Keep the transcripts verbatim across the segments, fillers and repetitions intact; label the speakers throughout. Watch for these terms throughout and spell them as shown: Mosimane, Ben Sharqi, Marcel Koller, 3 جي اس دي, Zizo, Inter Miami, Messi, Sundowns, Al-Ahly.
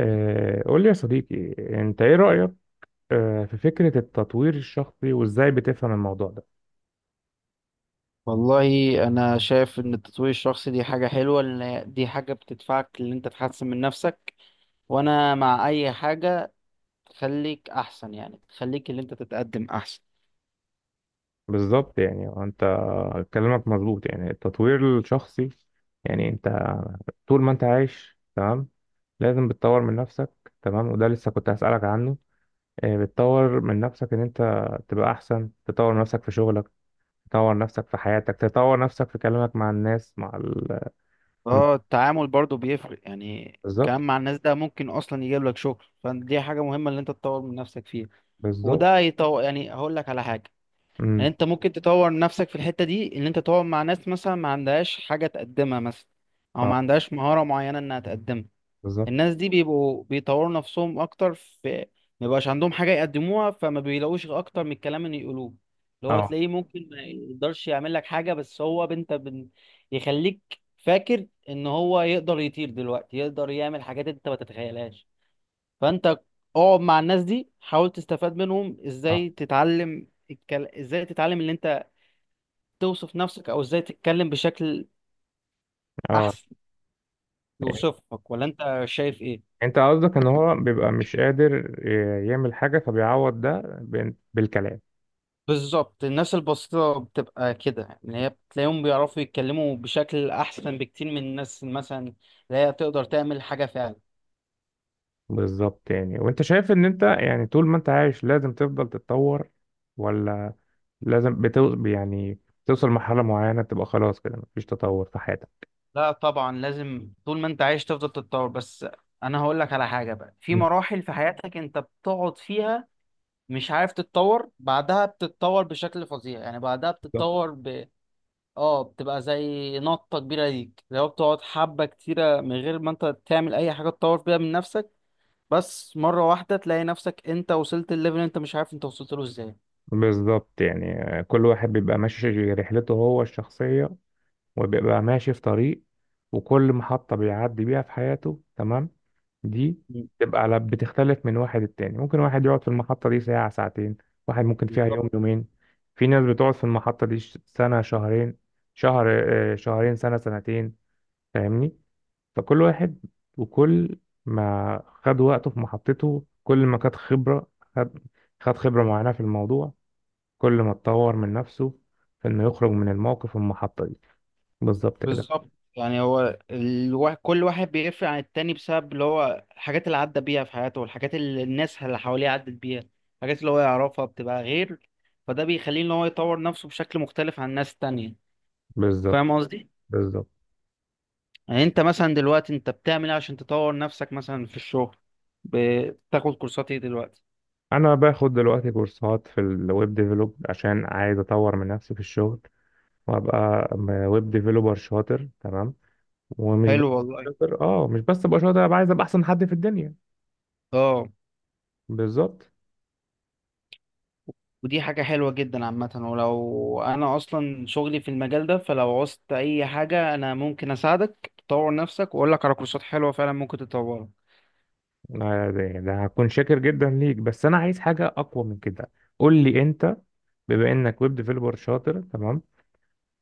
Speaker 1: آه، قول لي يا صديقي، انت ايه رأيك آه، في فكرة التطوير الشخصي وازاي بتفهم الموضوع ده.
Speaker 2: والله، انا شايف ان التطوير الشخصي دي حاجة حلوة لان هي- دي حاجة بتدفعك ان انت تحسن من نفسك. وانا مع اي حاجة تخليك احسن، يعني تخليك اللي انت تتقدم احسن.
Speaker 1: بالظبط، يعني هو انت كلامك مظبوط. يعني التطوير الشخصي، يعني انت طول ما انت عايش تمام، لازم بتطور من نفسك. تمام، وده لسه كنت هسألك عنه. آه، بتطور من نفسك ان انت تبقى احسن، تطور نفسك في شغلك، تطور نفسك في حياتك، تطور نفسك في كلامك مع الناس، مع ال...
Speaker 2: اه، التعامل برضو بيفرق يعني.
Speaker 1: بالظبط.
Speaker 2: كلام مع الناس ده ممكن اصلا يجيب لك شغل، فدي حاجة مهمة اللي انت تطور من نفسك فيها.
Speaker 1: بالظبط.
Speaker 2: وده يطور، يعني هقول لك على حاجة. يعني
Speaker 1: امم.
Speaker 2: انت ممكن تطور نفسك في الحتة دي ان انت تقعد مع ناس مثلا ما عندهاش حاجة تقدمها مثلا، او ما
Speaker 1: اه،
Speaker 2: عندهاش مهارة معينة انها تقدمها.
Speaker 1: بالظبط.
Speaker 2: الناس دي بيبقوا بيطوروا نفسهم اكتر في، ما بيبقاش عندهم حاجه يقدموها فما بيلاقوش اكتر من الكلام اللي يقولوه، اللي هو
Speaker 1: اه.
Speaker 2: تلاقيه ممكن ما يقدرش يعمل لك حاجه، بس هو انت بن... يخليك فاكر ان هو يقدر يطير دلوقتي، يقدر يعمل حاجات انت ما تتخيلهاش. فانت اقعد مع الناس دي، حاول تستفاد منهم
Speaker 1: اه.
Speaker 2: ازاي تتعلم الكل... ازاي تتعلم ان انت توصف نفسك، او ازاي تتكلم بشكل
Speaker 1: اه،
Speaker 2: احسن يوصفك، ولا انت شايف ايه؟
Speaker 1: انت قصدك ان هو بيبقى مش قادر ي- يعمل حاجة، فبيعوض ده بال- بالكلام.
Speaker 2: بالظبط، الناس البسيطة بتبقى كده، يعني اللي هي بتلاقيهم بيعرفوا يتكلموا بشكل أحسن بكتير من الناس مثلا اللي هي تقدر تعمل حاجة فعلا.
Speaker 1: بالظبط، يعني وانت شايف ان انت يعني طول ما انت عايش لازم تفضل تتطور، ولا لازم بتو يعني توصل لمرحلة معينة تبقى خلاص كده مفيش تطور في حياتك؟
Speaker 2: لا طبعا، لازم طول ما أنت عايش تفضل تتطور، بس أنا هقول لك على حاجة. بقى في مراحل في حياتك أنت بتقعد فيها مش عارف تتطور، بعدها بتتطور بشكل فظيع، يعني بعدها
Speaker 1: بالظبط.
Speaker 2: بتتطور ب، اه، بتبقى زي نطة كبيرة ليك لو بتقعد حبة كتيرة من غير ما أنت تعمل أي حاجة تطور بيها من نفسك، بس مرة واحدة تلاقي نفسك انت وصلت الليفل انت مش عارف انت وصلت له ازاي.
Speaker 1: بالظبط يعني. آه، كل واحد بيبقى ماشي رحلته هو الشخصية، وبيبقى ماشي في طريق، وكل محطة بيعدي بيها في حياته تمام. دي
Speaker 2: مم.
Speaker 1: بتبقى على بتختلف من واحد للتاني. ممكن واحد يقعد في المحطة دي ساعة ساعتين، واحد ممكن فيها
Speaker 2: بالظبط.
Speaker 1: يوم يومين، في ناس بتقعد في المحطة دي ش- سنة شهرين، شهر، آه، شهرين، سنة، سنتين. فاهمني؟ فكل واحد وكل ما خد وقته في محطته، كل ما خد خبرة خد، خد خبرة معينة في الموضوع، كل ما اتطور من نفسه في انه يخرج من الموقف المحطة دي. بالظبط كده.
Speaker 2: بالظبط، يعني هو الوا... كل واحد بيفرق عن التاني بسبب اللي هو الحاجات اللي عدى بيها في حياته، والحاجات اللي الناس اللي حواليه عدت بيها. الحاجات اللي هو يعرفها بتبقى غير، فده بيخليه ان هو يطور نفسه بشكل مختلف عن الناس التانية.
Speaker 1: بالظبط
Speaker 2: فاهم قصدي؟
Speaker 1: بالظبط.
Speaker 2: يعني انت مثلا دلوقتي انت بتعمل ايه عشان تطور نفسك مثلا في الشغل؟ بتاخد كورسات ايه دلوقتي؟
Speaker 1: انا باخد دلوقتي كورسات في الويب ديفلوب عشان عايز اطور من نفسي في الشغل، وابقى ويب ديفلوبر شاطر تمام. ومش بس
Speaker 2: حلو والله.
Speaker 1: شاطر، اه، مش بس ابقى شاطر، ابقى عايز ابقى احسن حد في الدنيا.
Speaker 2: اه،
Speaker 1: بالظبط.
Speaker 2: ودي حاجة حلوة جدا عامة، ولو أنا أصلا شغلي في المجال ده فلو عوزت أي حاجة أنا ممكن أساعدك تطور نفسك وأقول لك على كورسات حلوة فعلا ممكن تطورها.
Speaker 1: ده ده يعني ده هكون شاكر جدا ليك، بس انا عايز حاجه اقوى من كده. قول لي انت، بما انك ويب ديفلوبر شاطر تمام،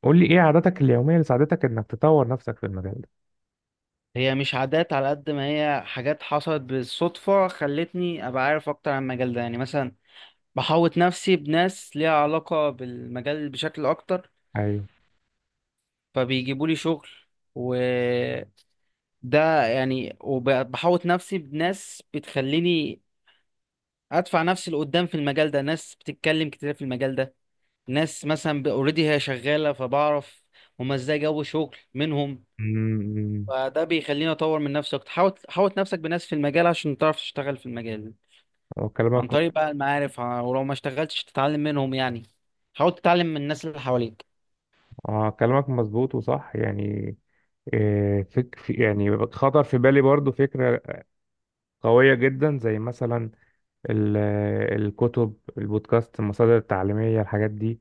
Speaker 1: قول لي ايه عاداتك اليوميه اللي ساعدتك انك تطور نفسك في المجال ده.
Speaker 2: هي مش عادات على قد ما هي حاجات حصلت بالصدفة خلتني أبقى عارف أكتر عن المجال ده، يعني مثلا بحوط نفسي بناس ليها علاقة بالمجال بشكل أكتر،
Speaker 1: ايوه.
Speaker 2: فبيجيبوا لي شغل. وده يعني، وبحوط نفسي بناس بتخليني أدفع نفسي لقدام في المجال ده، ناس بتتكلم كتير في المجال ده، ناس مثلا اوريدي هي شغاله، فبعرف هما ازاي جو شغل منهم.
Speaker 1: امم.
Speaker 2: فده بيخليني اطور من نفسي اكتر. حاوط حاوط نفسك بناس في المجال عشان تعرف تشتغل في المجال عن
Speaker 1: كلامك،
Speaker 2: طريق بقى المعارف، ع- ولو ما اشتغلتش تتعلم منهم يعني، حاول تتعلم من الناس اللي حواليك.
Speaker 1: اه، كلامك مظبوط وصح يعني. إيه، فك في- يعني خطر في بالي برضو فكرة قوية جدا، زي مثلا ال- الكتب، البودكاست، المصادر التعليمية، الحاجات دي.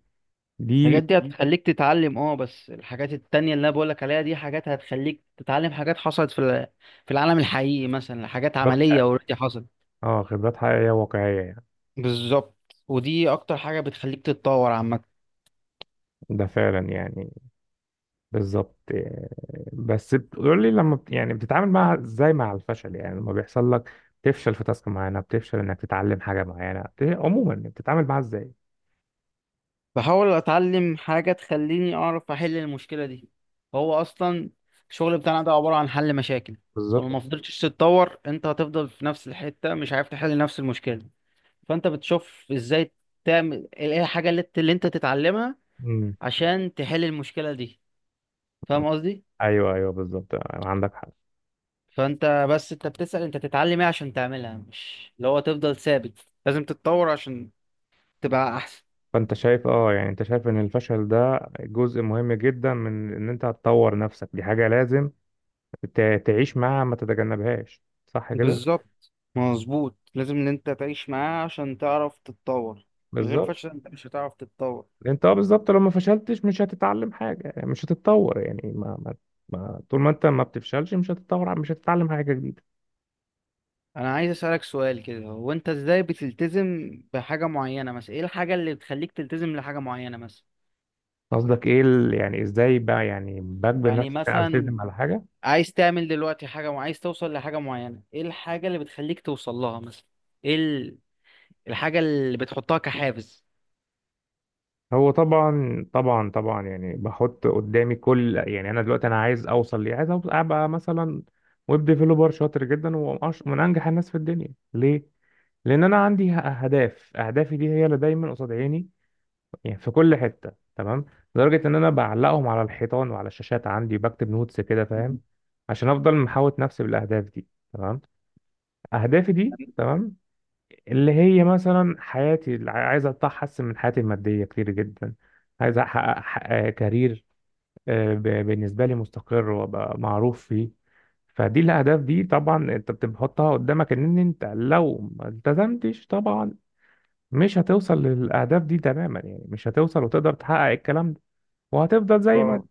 Speaker 1: دي
Speaker 2: الحاجات دي هتخليك تتعلم، اه، بس الحاجات التانية اللي انا بقولك عليها دي حاجات هتخليك تتعلم حاجات حصلت في ال- في العالم الحقيقي، مثلا حاجات عملية
Speaker 1: خبرات-
Speaker 2: اوريدي حصلت.
Speaker 1: اه، خبرات حقيقية واقعية يعني.
Speaker 2: بالظبط. ودي اكتر حاجة بتخليك تتطور عامة.
Speaker 1: ده فعلا يعني بالظبط. إيه، بس بتقول لي لما بت- يعني بتتعامل مع، ازاي مع الفشل، يعني لما بيحصل لك تفشل في تاسك معينة، بتفشل انك تتعلم حاجة معينة، بت- عموما يعني بتتعامل معاها ازاي؟
Speaker 2: بحاول اتعلم حاجة تخليني اعرف احل المشكلة دي. هو اصلا الشغل بتاعنا ده عبارة عن حل مشاكل، ولو ما
Speaker 1: بالظبط.
Speaker 2: فضلتش تتطور انت هتفضل في نفس الحتة مش عارف تحل نفس المشكلة. فانت بتشوف ازاي تعمل ايه، الحاجة اللي انت اللي انت تتعلمها
Speaker 1: مم.
Speaker 2: عشان تحل المشكلة دي. فاهم قصدي؟
Speaker 1: ايوه، ايوه، بالظبط، عندك حق.
Speaker 2: فانت بس انت بتسأل انت تتعلم ايه عشان تعملها، مش اللي هو تفضل ثابت. لازم تتطور عشان تبقى احسن.
Speaker 1: فانت شايف، اه يعني انت شايف ان الفشل ده جزء مهم جدا من ان انت هتطور نفسك، دي حاجة لازم ت- تعيش معاها، ما تتجنبهاش، صح كده؟
Speaker 2: بالظبط مظبوط، لازم ان انت تعيش معاه عشان تعرف تتطور. من غير
Speaker 1: بالظبط.
Speaker 2: فشل انت مش هتعرف تتطور.
Speaker 1: انت، اه بالظبط، لو ما فشلتش مش هتتعلم حاجة، مش هتتطور يعني. ما, ما, ما طول ما انت ما بتفشلش مش هتتطور، مش هتتعلم حاجة جديدة.
Speaker 2: انا عايز اسالك سؤال كده، هو انت ازاي بتلتزم بحاجه معينه مثلا؟ ايه الحاجه اللي بتخليك تلتزم لحاجه معينه مثلا؟
Speaker 1: قصدك ايه ال- يعني ازاي بقى، يعني بجبر
Speaker 2: يعني
Speaker 1: نفسي
Speaker 2: مثلا
Speaker 1: التزم على حاجة؟
Speaker 2: عايز تعمل دلوقتي حاجه وعايز توصل لحاجه معينه، ايه الحاجه اللي بتخليك توصل لها مثلا؟ ايه ال- الحاجه اللي بتحطها كحافز.
Speaker 1: هو طبعا طبعا طبعا، يعني بحط قدامي كل، يعني انا دلوقتي انا عايز اوصل ليه، عايز أوصل ابقى مثلا ويب ديفلوبر شاطر جدا ومن أش- من انجح الناس في الدنيا. ليه؟ لان انا عندي ه- اهداف، اهدافي دي هي اللي دايما قصاد عيني يعني، في كل حته تمام. لدرجه ان انا بعلقهم على الحيطان وعلى الشاشات عندي، بكتب نوتس كده، فاهم؟ عشان افضل محاوط نفسي بالاهداف دي تمام. اهدافي دي تمام، اللي هي مثلا حياتي، اللي عايز أحسن من حياتي المادية كتير جدا، عايز أحقق ح- آه، كارير آه، ب- بالنسبة لي مستقر وأبقى معروف فيه. فدي الأهداف دي طبعا أنت بتحطها قدامك، إن أنت لو ما التزمتش طبعا مش هتوصل للأهداف دي تماما، يعني مش هتوصل وتقدر تحقق الكلام ده، وهتفضل زي ما أنت،
Speaker 2: اه،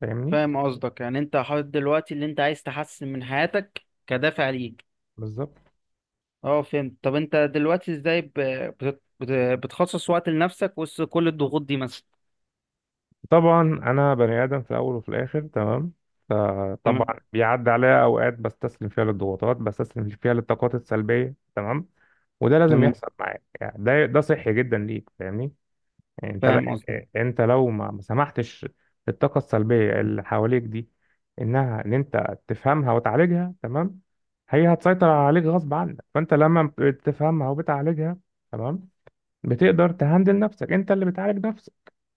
Speaker 1: فاهمني؟
Speaker 2: فاهم قصدك، يعني انت حاطط دلوقتي اللي انت عايز تحسن من حياتك كدافع ليك.
Speaker 1: بالظبط.
Speaker 2: اه فهمت. طب انت دلوقتي ازاي ب- بت- بت- بتخصص وقت لنفسك وسط كل الضغوط دي مثلا؟
Speaker 1: طبعا انا بني ادم في الاول وفي الاخر تمام،
Speaker 2: تمام.
Speaker 1: فطبعا بيعدي عليا اوقات بستسلم فيها للضغوطات، بستسلم فيها للطاقات السلبيه تمام. وده لازم
Speaker 2: تمام.
Speaker 1: يحصل معاك يعني، ده ده صحي جدا ليك، فاهمني؟ يعني انت لا،
Speaker 2: فاهم قصدك.
Speaker 1: انت لو ما ما سمحتش للطاقه السلبيه اللي حواليك دي، انها، ان انت تفهمها وتعالجها تمام، هي هتسيطر عليك غصب عنك. فانت لما بتفهمها وبتعالجها تمام، بتقدر تهندل نفسك، انت اللي بتعالج نفسك،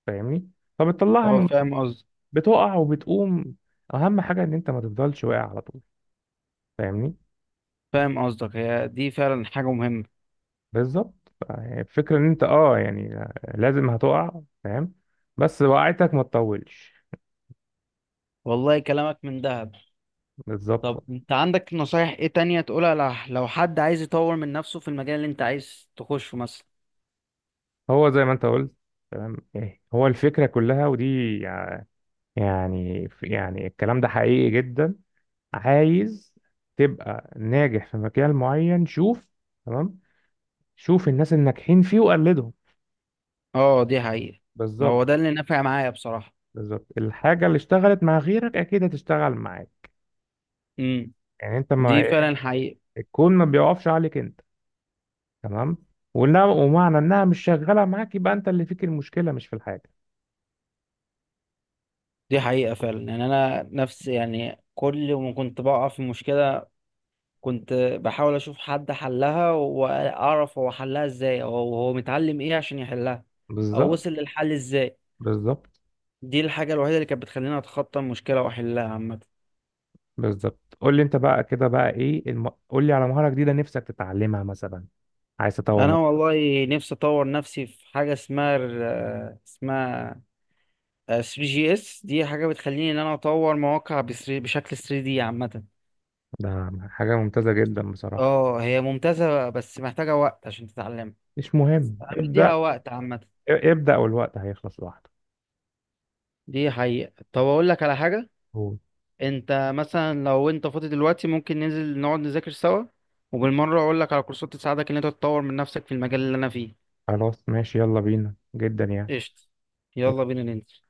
Speaker 1: فاهمني؟ فبتطلعها
Speaker 2: اه،
Speaker 1: من،
Speaker 2: فاهم قصدك.
Speaker 1: بتقع وبتقوم، اهم حاجه ان انت ما تفضلش واقع على طول، فاهمني؟
Speaker 2: فاهم قصدك، هي دي فعلا حاجة مهمة.
Speaker 1: بالظبط يعني. الفكره ان انت، اه يعني لازم هتقع، فاهم؟ بس وقعتك ما تطولش.
Speaker 2: والله كلامك من دهب.
Speaker 1: بالظبط.
Speaker 2: طب انت عندك نصايح ايه تانية تقولها لح- لو حد عايز يطور من نفسه في المجال اللي انت عايز تخشه مثلا؟
Speaker 1: هو زي ما انت قلت تمام، ايه هو الفكره كلها، ودي يعني يعني الكلام ده حقيقي جدا. عايز تبقى ناجح في مجال معين؟ شوف تمام، شوف الناس الناجحين فيه وقلدهم.
Speaker 2: اه دي حقيقة. هو
Speaker 1: بالظبط.
Speaker 2: ده اللي نافع معايا بصراحة.
Speaker 1: بالظبط الحاجه اللي اشتغلت مع غيرك اكيد هتشتغل معاك،
Speaker 2: امم.
Speaker 1: يعني انت
Speaker 2: دي
Speaker 1: ما،
Speaker 2: فعلا حقيقة.
Speaker 1: الكون ما بيقفش عليك انت تمام. ولا ومعنى انها مش شغاله معاك يبقى انت اللي فيك المشكله، مش في الحاجه.
Speaker 2: دي حقيقة فعلا، يعني انا نفس، يعني كل ما كنت بقع في مشكلة كنت بحاول اشوف حد حلها واعرف هو حلها ازاي، او هو متعلم ايه عشان يحلها، او
Speaker 1: بالظبط.
Speaker 2: وصل للحل ازاي.
Speaker 1: بالظبط.
Speaker 2: دي الحاجة الوحيدة اللي كانت بتخليني اتخطى المشكلة واحلها عامة.
Speaker 1: بالظبط، قول لي انت بقى كده، بقى ايه الم... قول لي على مهاره جديده نفسك تتعلمها مثلا، عايز تطور
Speaker 2: انا
Speaker 1: نفسك.
Speaker 2: والله نفسي اطور نفسي في حاجة اسمها ال- اسمها ثري جي اس، دي حاجة بتخليني ان انا اطور مواقع بس- بشكل ثري دي عامة.
Speaker 1: ده حاجه ممتازه جدا بصراحه.
Speaker 2: اه هي ممتازة بس محتاجة وقت عشان تتعلمها.
Speaker 1: مش مهم
Speaker 2: أنا
Speaker 1: ابدا،
Speaker 2: مديها وقت عامة.
Speaker 1: ابدا، والوقت هيخلص لوحده.
Speaker 2: دي حقيقة. طب اقول لك على حاجة،
Speaker 1: قول.
Speaker 2: انت مثلا لو انت فاضي دلوقتي ممكن ننزل نقعد نذاكر سوا، وبالمرة اقول لك على كورسات تساعدك ان انت تطور من نفسك في المجال اللي انا فيه.
Speaker 1: خلاص ماشي، يلا بينا، جدا يعني.
Speaker 2: قشطة. يلا بينا ننزل.